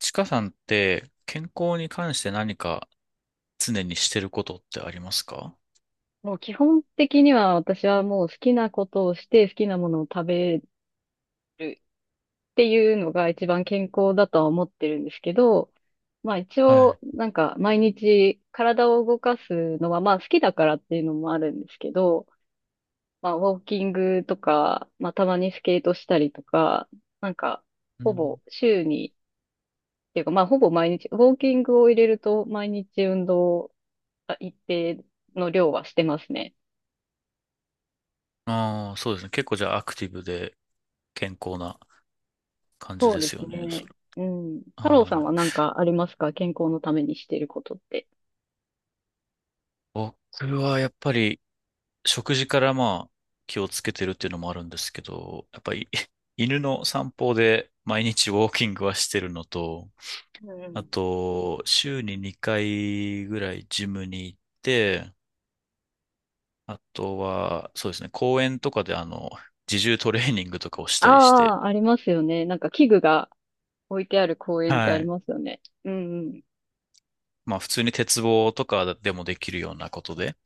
ちかさんって健康に関して何か常にしてることってありますか？もう基本的には私はもう好きなことをして好きなものを食べるっていうのが一番健康だとは思ってるんですけど、まあ一は応い。なんか毎日体を動かすのはまあ好きだからっていうのもあるんですけど、まあウォーキングとか、まあたまにスケートしたりとか、なんかうほん、ぼ週に、っていうかまあほぼ毎日、ウォーキングを入れると毎日運動一定の量はしてますね。ああ、そうですね。結構じゃあアクティブで健康な感じそうでですすよね、そね。れ。うん。太郎さんはは何い。かありますか、健康のためにしていることって。僕はやっぱり食事からまあ気をつけてるっていうのもあるんですけど、やっぱり 犬の散歩で毎日ウォーキングはしてるのと、うんうあん。と週に2回ぐらいジムに行って、あとは、そうですね、公園とかで自重トレーニングとかをしたりして、ああ、ありますよね。なんか器具が置いてある公園ってはありい。ますよね。うんうん。まあ普通に鉄棒とかでもできるようなことで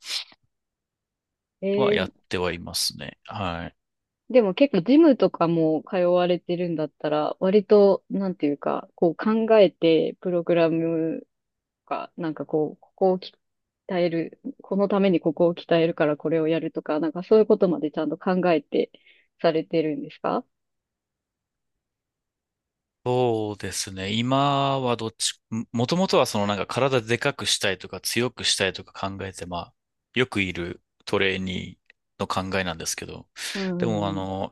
えはやー、ってはいますね。はい。でも結構ジムとかも通われてるんだったら、割と、なんていうか、こう考えて、プログラムとか、なんかこう、ここを鍛える、このためにここを鍛えるからこれをやるとか、なんかそういうことまでちゃんと考えてされてるんですか？そうですね。今はどっち、ももともとはそのなんか体でかくしたいとか強くしたいとか考えて、まあ、よくいるトレーニーの考えなんですけど、うんうでもんうん。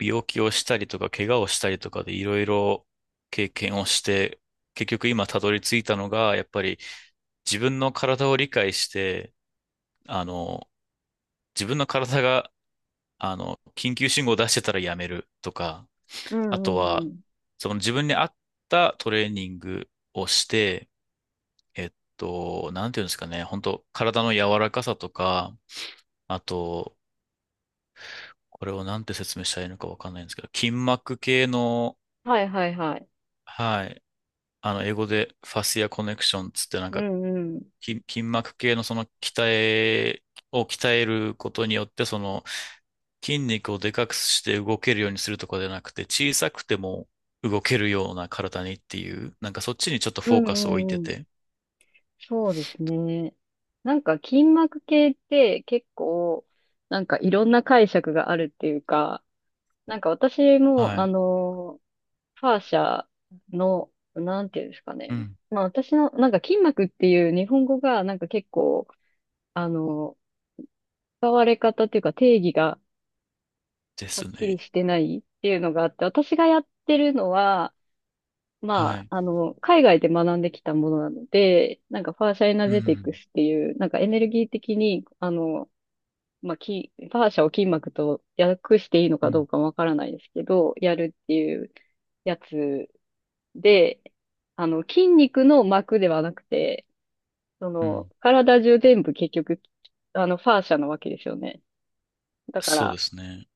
病気をしたりとか怪我をしたりとかでいろいろ経験をして、結局今たどり着いたのが、やっぱり自分の体を理解して、あの、自分の体が、緊急信号を出してたらやめるとか、うあんとうんうは、ん。その自分に合ったトレーニングをして、なんていうんですかね、本当体の柔らかさとか、あと、これをなんて説明したらいいのかわかんないんですけど、筋膜系の、はいはいはい。はい、英語でファシアコネクションつってなんうか、んうん。筋膜系のそのを鍛えることによって、その筋肉をでかくして動けるようにするとかじゃなくて、小さくても動けるような体にっていう、なんかそっちにちょっとうフォーんうカスを置いんてうん。て、そうですね。なんか筋膜系って結構、なんかいろんな解釈があるっていうか、なんか私も、はあい。の、ファーシャの、なんていうんですかうね。ん。まあ私の、なんか筋膜っていう日本語がなんか結構、あの、使われ方っていうか定義がではっすきりね。してないっていうのがあって、私がやってるのは、はまい。あ、あの、海外で学んできたものなので、なんかファーシャエナうジェティクん。スっていう、なんかエネルギー的に、あの、まあ、ファーシャを筋膜と訳していいのうかどうん。かわからないですけど、やるっていうやつで、あの、筋肉の膜ではなくて、そうの、ん。体中全部結局、あの、ファーシャなわけですよね。だかそうら、ですね。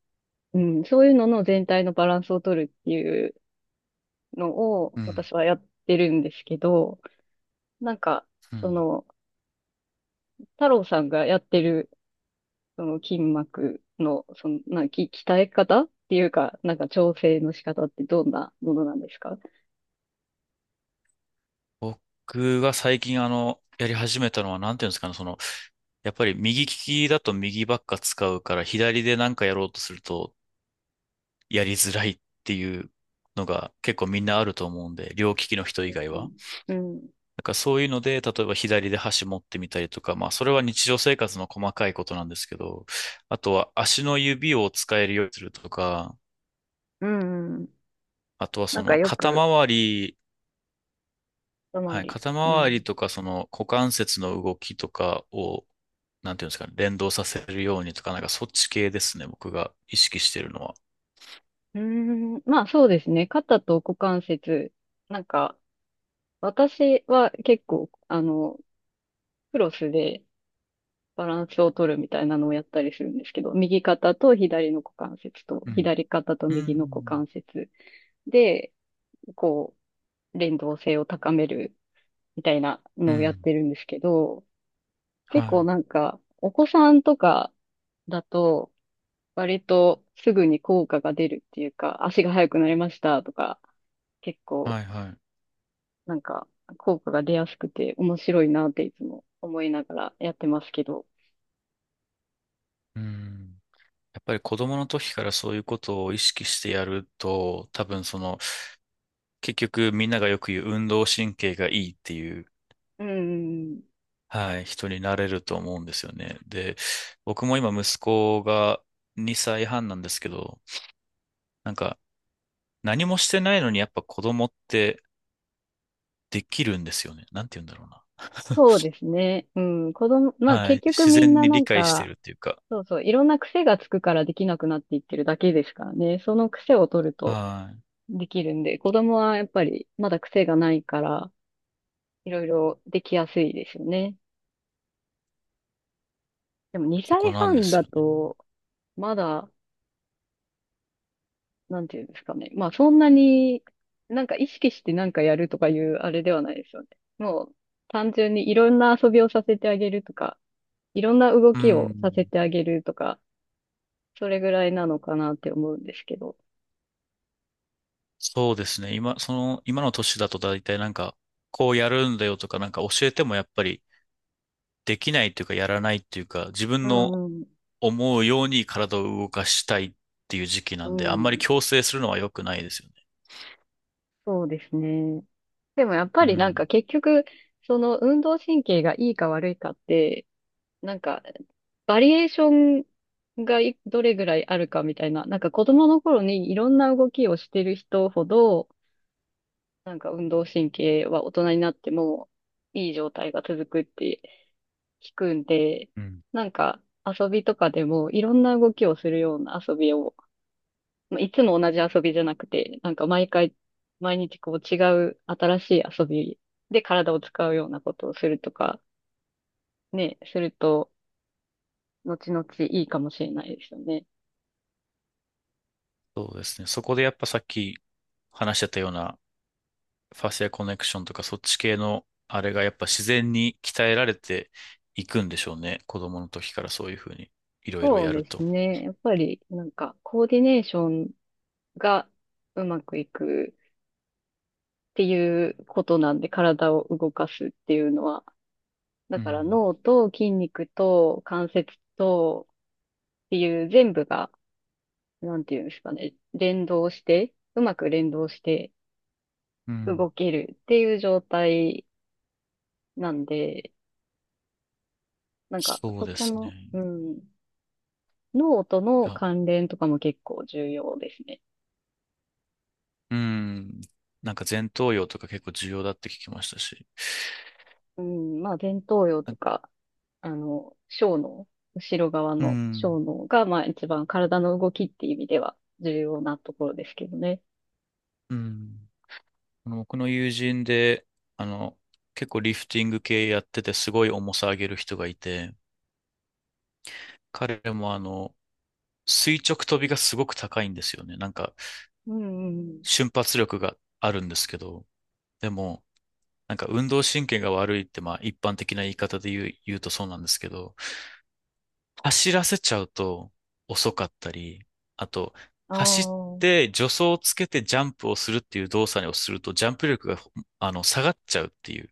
うん、そういうのの全体のバランスを取るっていうのを、うん。私はやってるんですけど、なんか、うそん。の、太郎さんがやってる、その筋膜の、その、鍛え方っていうか、なんか調整の仕方ってどんなものなんですか？僕が最近やり始めたのは、なんていうんですかね、その、やっぱり右利きだと右ばっか使うから、左でなんかやろうとするとやりづらいっていうのが結構みんなあると思うんで、両利きの人以外うん。は。うん。だからそういうので、例えば左で箸持ってみたりとか、まあそれは日常生活の細かいことなんですけど、あとは足の指を使えるようにするとか、うんうん。あとはなそんかのよ肩く、周り、一は回い、り。肩う周りん。とかその股関節の動きとかを、なんていうんですかね、連動させるようにとか、なんかそっち系ですね、僕が意識してるのは。うーん。まあそうですね。肩と股関節。なんか、私は結構、あの、クロスでバランスを取るみたいなのをやったりするんですけど、右肩と左の股関節と、うん。左肩とう右の股ん。関節で、こう、連動性を高めるみたいなうのをやっん。てるんですけど、は結構い。なんか、お子さんとかだと、割とすぐに効果が出るっていうか、足が速くなりましたとか、結構はい、はい。なんか効果が出やすくて面白いなっていつも思いながらやってますけど。うん。やっぱり子供の時からそういうことを意識してやると、多分その、結局みんながよく言う運動神経がいいっていう、うん、はい、人になれると思うんですよね。で、僕も今息子が2歳半なんですけど、なんか、何もしてないのにやっぱ子供ってできるんですよね。なんて言うんだろうな。そう ですね。うん、子供、まあは結い。局自みん然なにな理ん解してか、るっていうか。そうそう、いろんな癖がつくからできなくなっていってるだけですからね。その癖を取ると、はい。できるんで、子供はやっぱりまだ癖がないから、いろいろできやすいですよね。でもそ2こな歳んで半すだよね。と、まだ、なんていうんですかね。まあそんなに、なんか意識してなんかやるとかいうあれではないですよね。もう単純にいろんな遊びをさせてあげるとか、いろんな動うきをさせん。てあげるとか、それぐらいなのかなって思うんですけど。そうですね。今、その、今の年だと大体なんか、こうやるんだよとかなんか教えてもやっぱりできないっていうかやらないっていうか、自分うのんうん、思うように体を動かしたいっていう時期うなんで、あんん、まり強制するのは良くないですよね。そうですね。でもやっうぱりなんん。か結局、その運動神経がいいか悪いかって、なんかバリエーションがいどれぐらいあるかみたいな、なんか子供の頃にいろんな動きをしてる人ほど、なんか運動神経は大人になってもいい状態が続くって聞くんで、うん。なんか遊びとかでもいろんな動きをするような遊びをいつも同じ遊びじゃなくて、なんか毎回、毎日こう違う新しい遊びで体を使うようなことをするとか、ね、すると、後々いいかもしれないですよね。そうですね。そこでやっぱさっき話してたような、ファシアコネクションとかそっち系のあれがやっぱ自然に鍛えられていくんでしょうね。子供の時からそういうふうにいろいろそうやるですと。ね。やっぱり、なんか、コーディネーションがうまくいくっていうことなんで、体を動かすっていうのは、だうからん。脳と筋肉と関節とっていう全部が、なんていうんですかね、連動して、うまく連動して、うん。動けるっていう状態なんで、なんかそうそでこすね。の、うん、脳とのあ、関連とかも結構重要ですね。うん。なんか前頭葉とか結構重要だって聞きましたし。うん、まあ前頭葉とあか、あの、小脳、後ろ側うのん。小脳が、まあ一番体の動きっていう意味では重要なところですけどね。うん。僕の友人で、あの、結構リフティング系やっててすごい重さ上げる人がいて、彼も垂直跳びがすごく高いんですよね。なんか、うんうん瞬発力があるんですけど、でも、なんか運動神経が悪いって、まあ一般的な言い方で言うとそうなんですけど、走らせちゃうと遅かったり、あと、う走っん。て助走をつけてジャンプをするっていう動作をすると、ジャンプ力が、下がっちゃうっていう、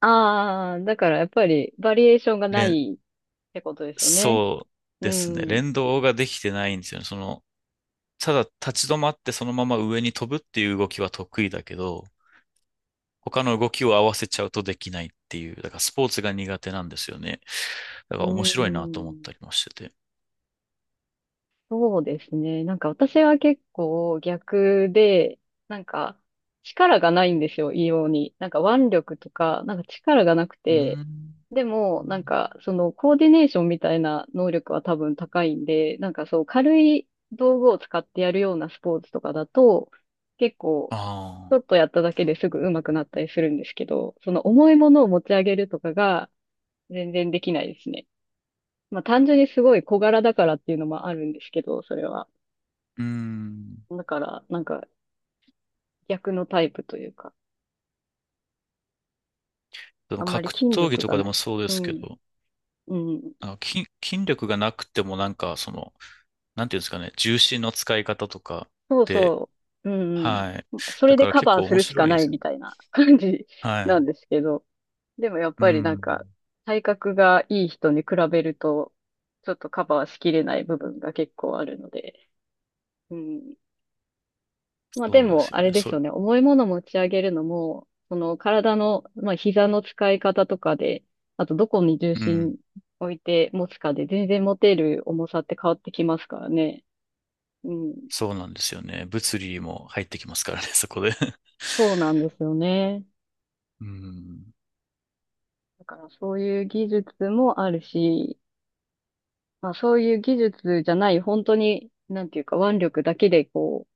ああ。ああ、だからやっぱりバリエーションがな連いってことですよね。そううですね。ん。連動ができてないんですよね。その、ただ立ち止まってそのまま上に飛ぶっていう動きは得意だけど、他の動きを合わせちゃうとできないっていう、だからスポーツが苦手なんですよね。だうから面白いなと思っん。たりもしてて。そうですね。なんか私は結構逆で、なんか力がないんですよ、異様に。なんか腕力とか、なんか力がなくうて、ーん。でもなんかそのコーディネーションみたいな能力は多分高いんで、なんかそう軽い道具を使ってやるようなスポーツとかだと、結構あちょあ、っとやっただけですぐ上手くなったりするんですけど、その重いものを持ち上げるとかが全然できないですね。まあ単純にすごい小柄だからっていうのもあるんですけど、それは。うーん。だから、なんか逆のタイプというか、であもんまり格筋闘技力とがかでなもい。そうでうすけん。ど、うん。筋力がなくてもなんかその、なんていうんですかね、重心の使い方とかそうで、そう。うんはい。うん。そだれでからカ結バー構す面るし白かいでないすよみね。たいな感じはない。んですけど、でもやっうぱりなんか、ん。体格がいい人に比べると、ちょっとカバーしきれない部分が結構あるので、うん。まあでそうですも、よあれね。でそすれ、よね。重いもの持ち上げるのも、その体の、まあ膝の使い方とかで、あとどこに重うん。心置いて持つかで全然持てる重さって変わってきますからね。うん。そうなんですよね。物理も入ってきますからね、そこで。そうなんですよね。うん。だからそういう技術もあるし、まあそういう技術じゃない、本当に、なんていうか腕力だけでこ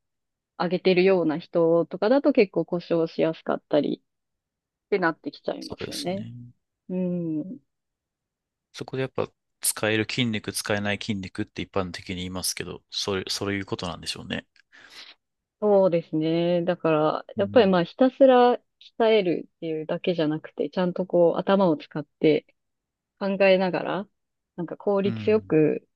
う、上げてるような人とかだと結構故障しやすかったりってなってきちゃいまそうすでよすね。ね。うん。そこでやっぱ使える筋肉、使えない筋肉って一般的に言いますけど、それ、そういうことなんでしょうね。そうですね。だから、うやっぱりまあん。ひたすら鍛えるっていうだけじゃなくて、ちゃんとこう頭を使って考えながら、なんか効う率よん。く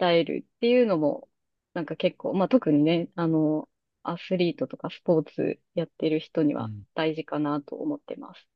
鍛えるっていうのも、なんか結構、まあ特にね、あの、アスリートとかスポーツやってる人にうはん大事かなと思ってます。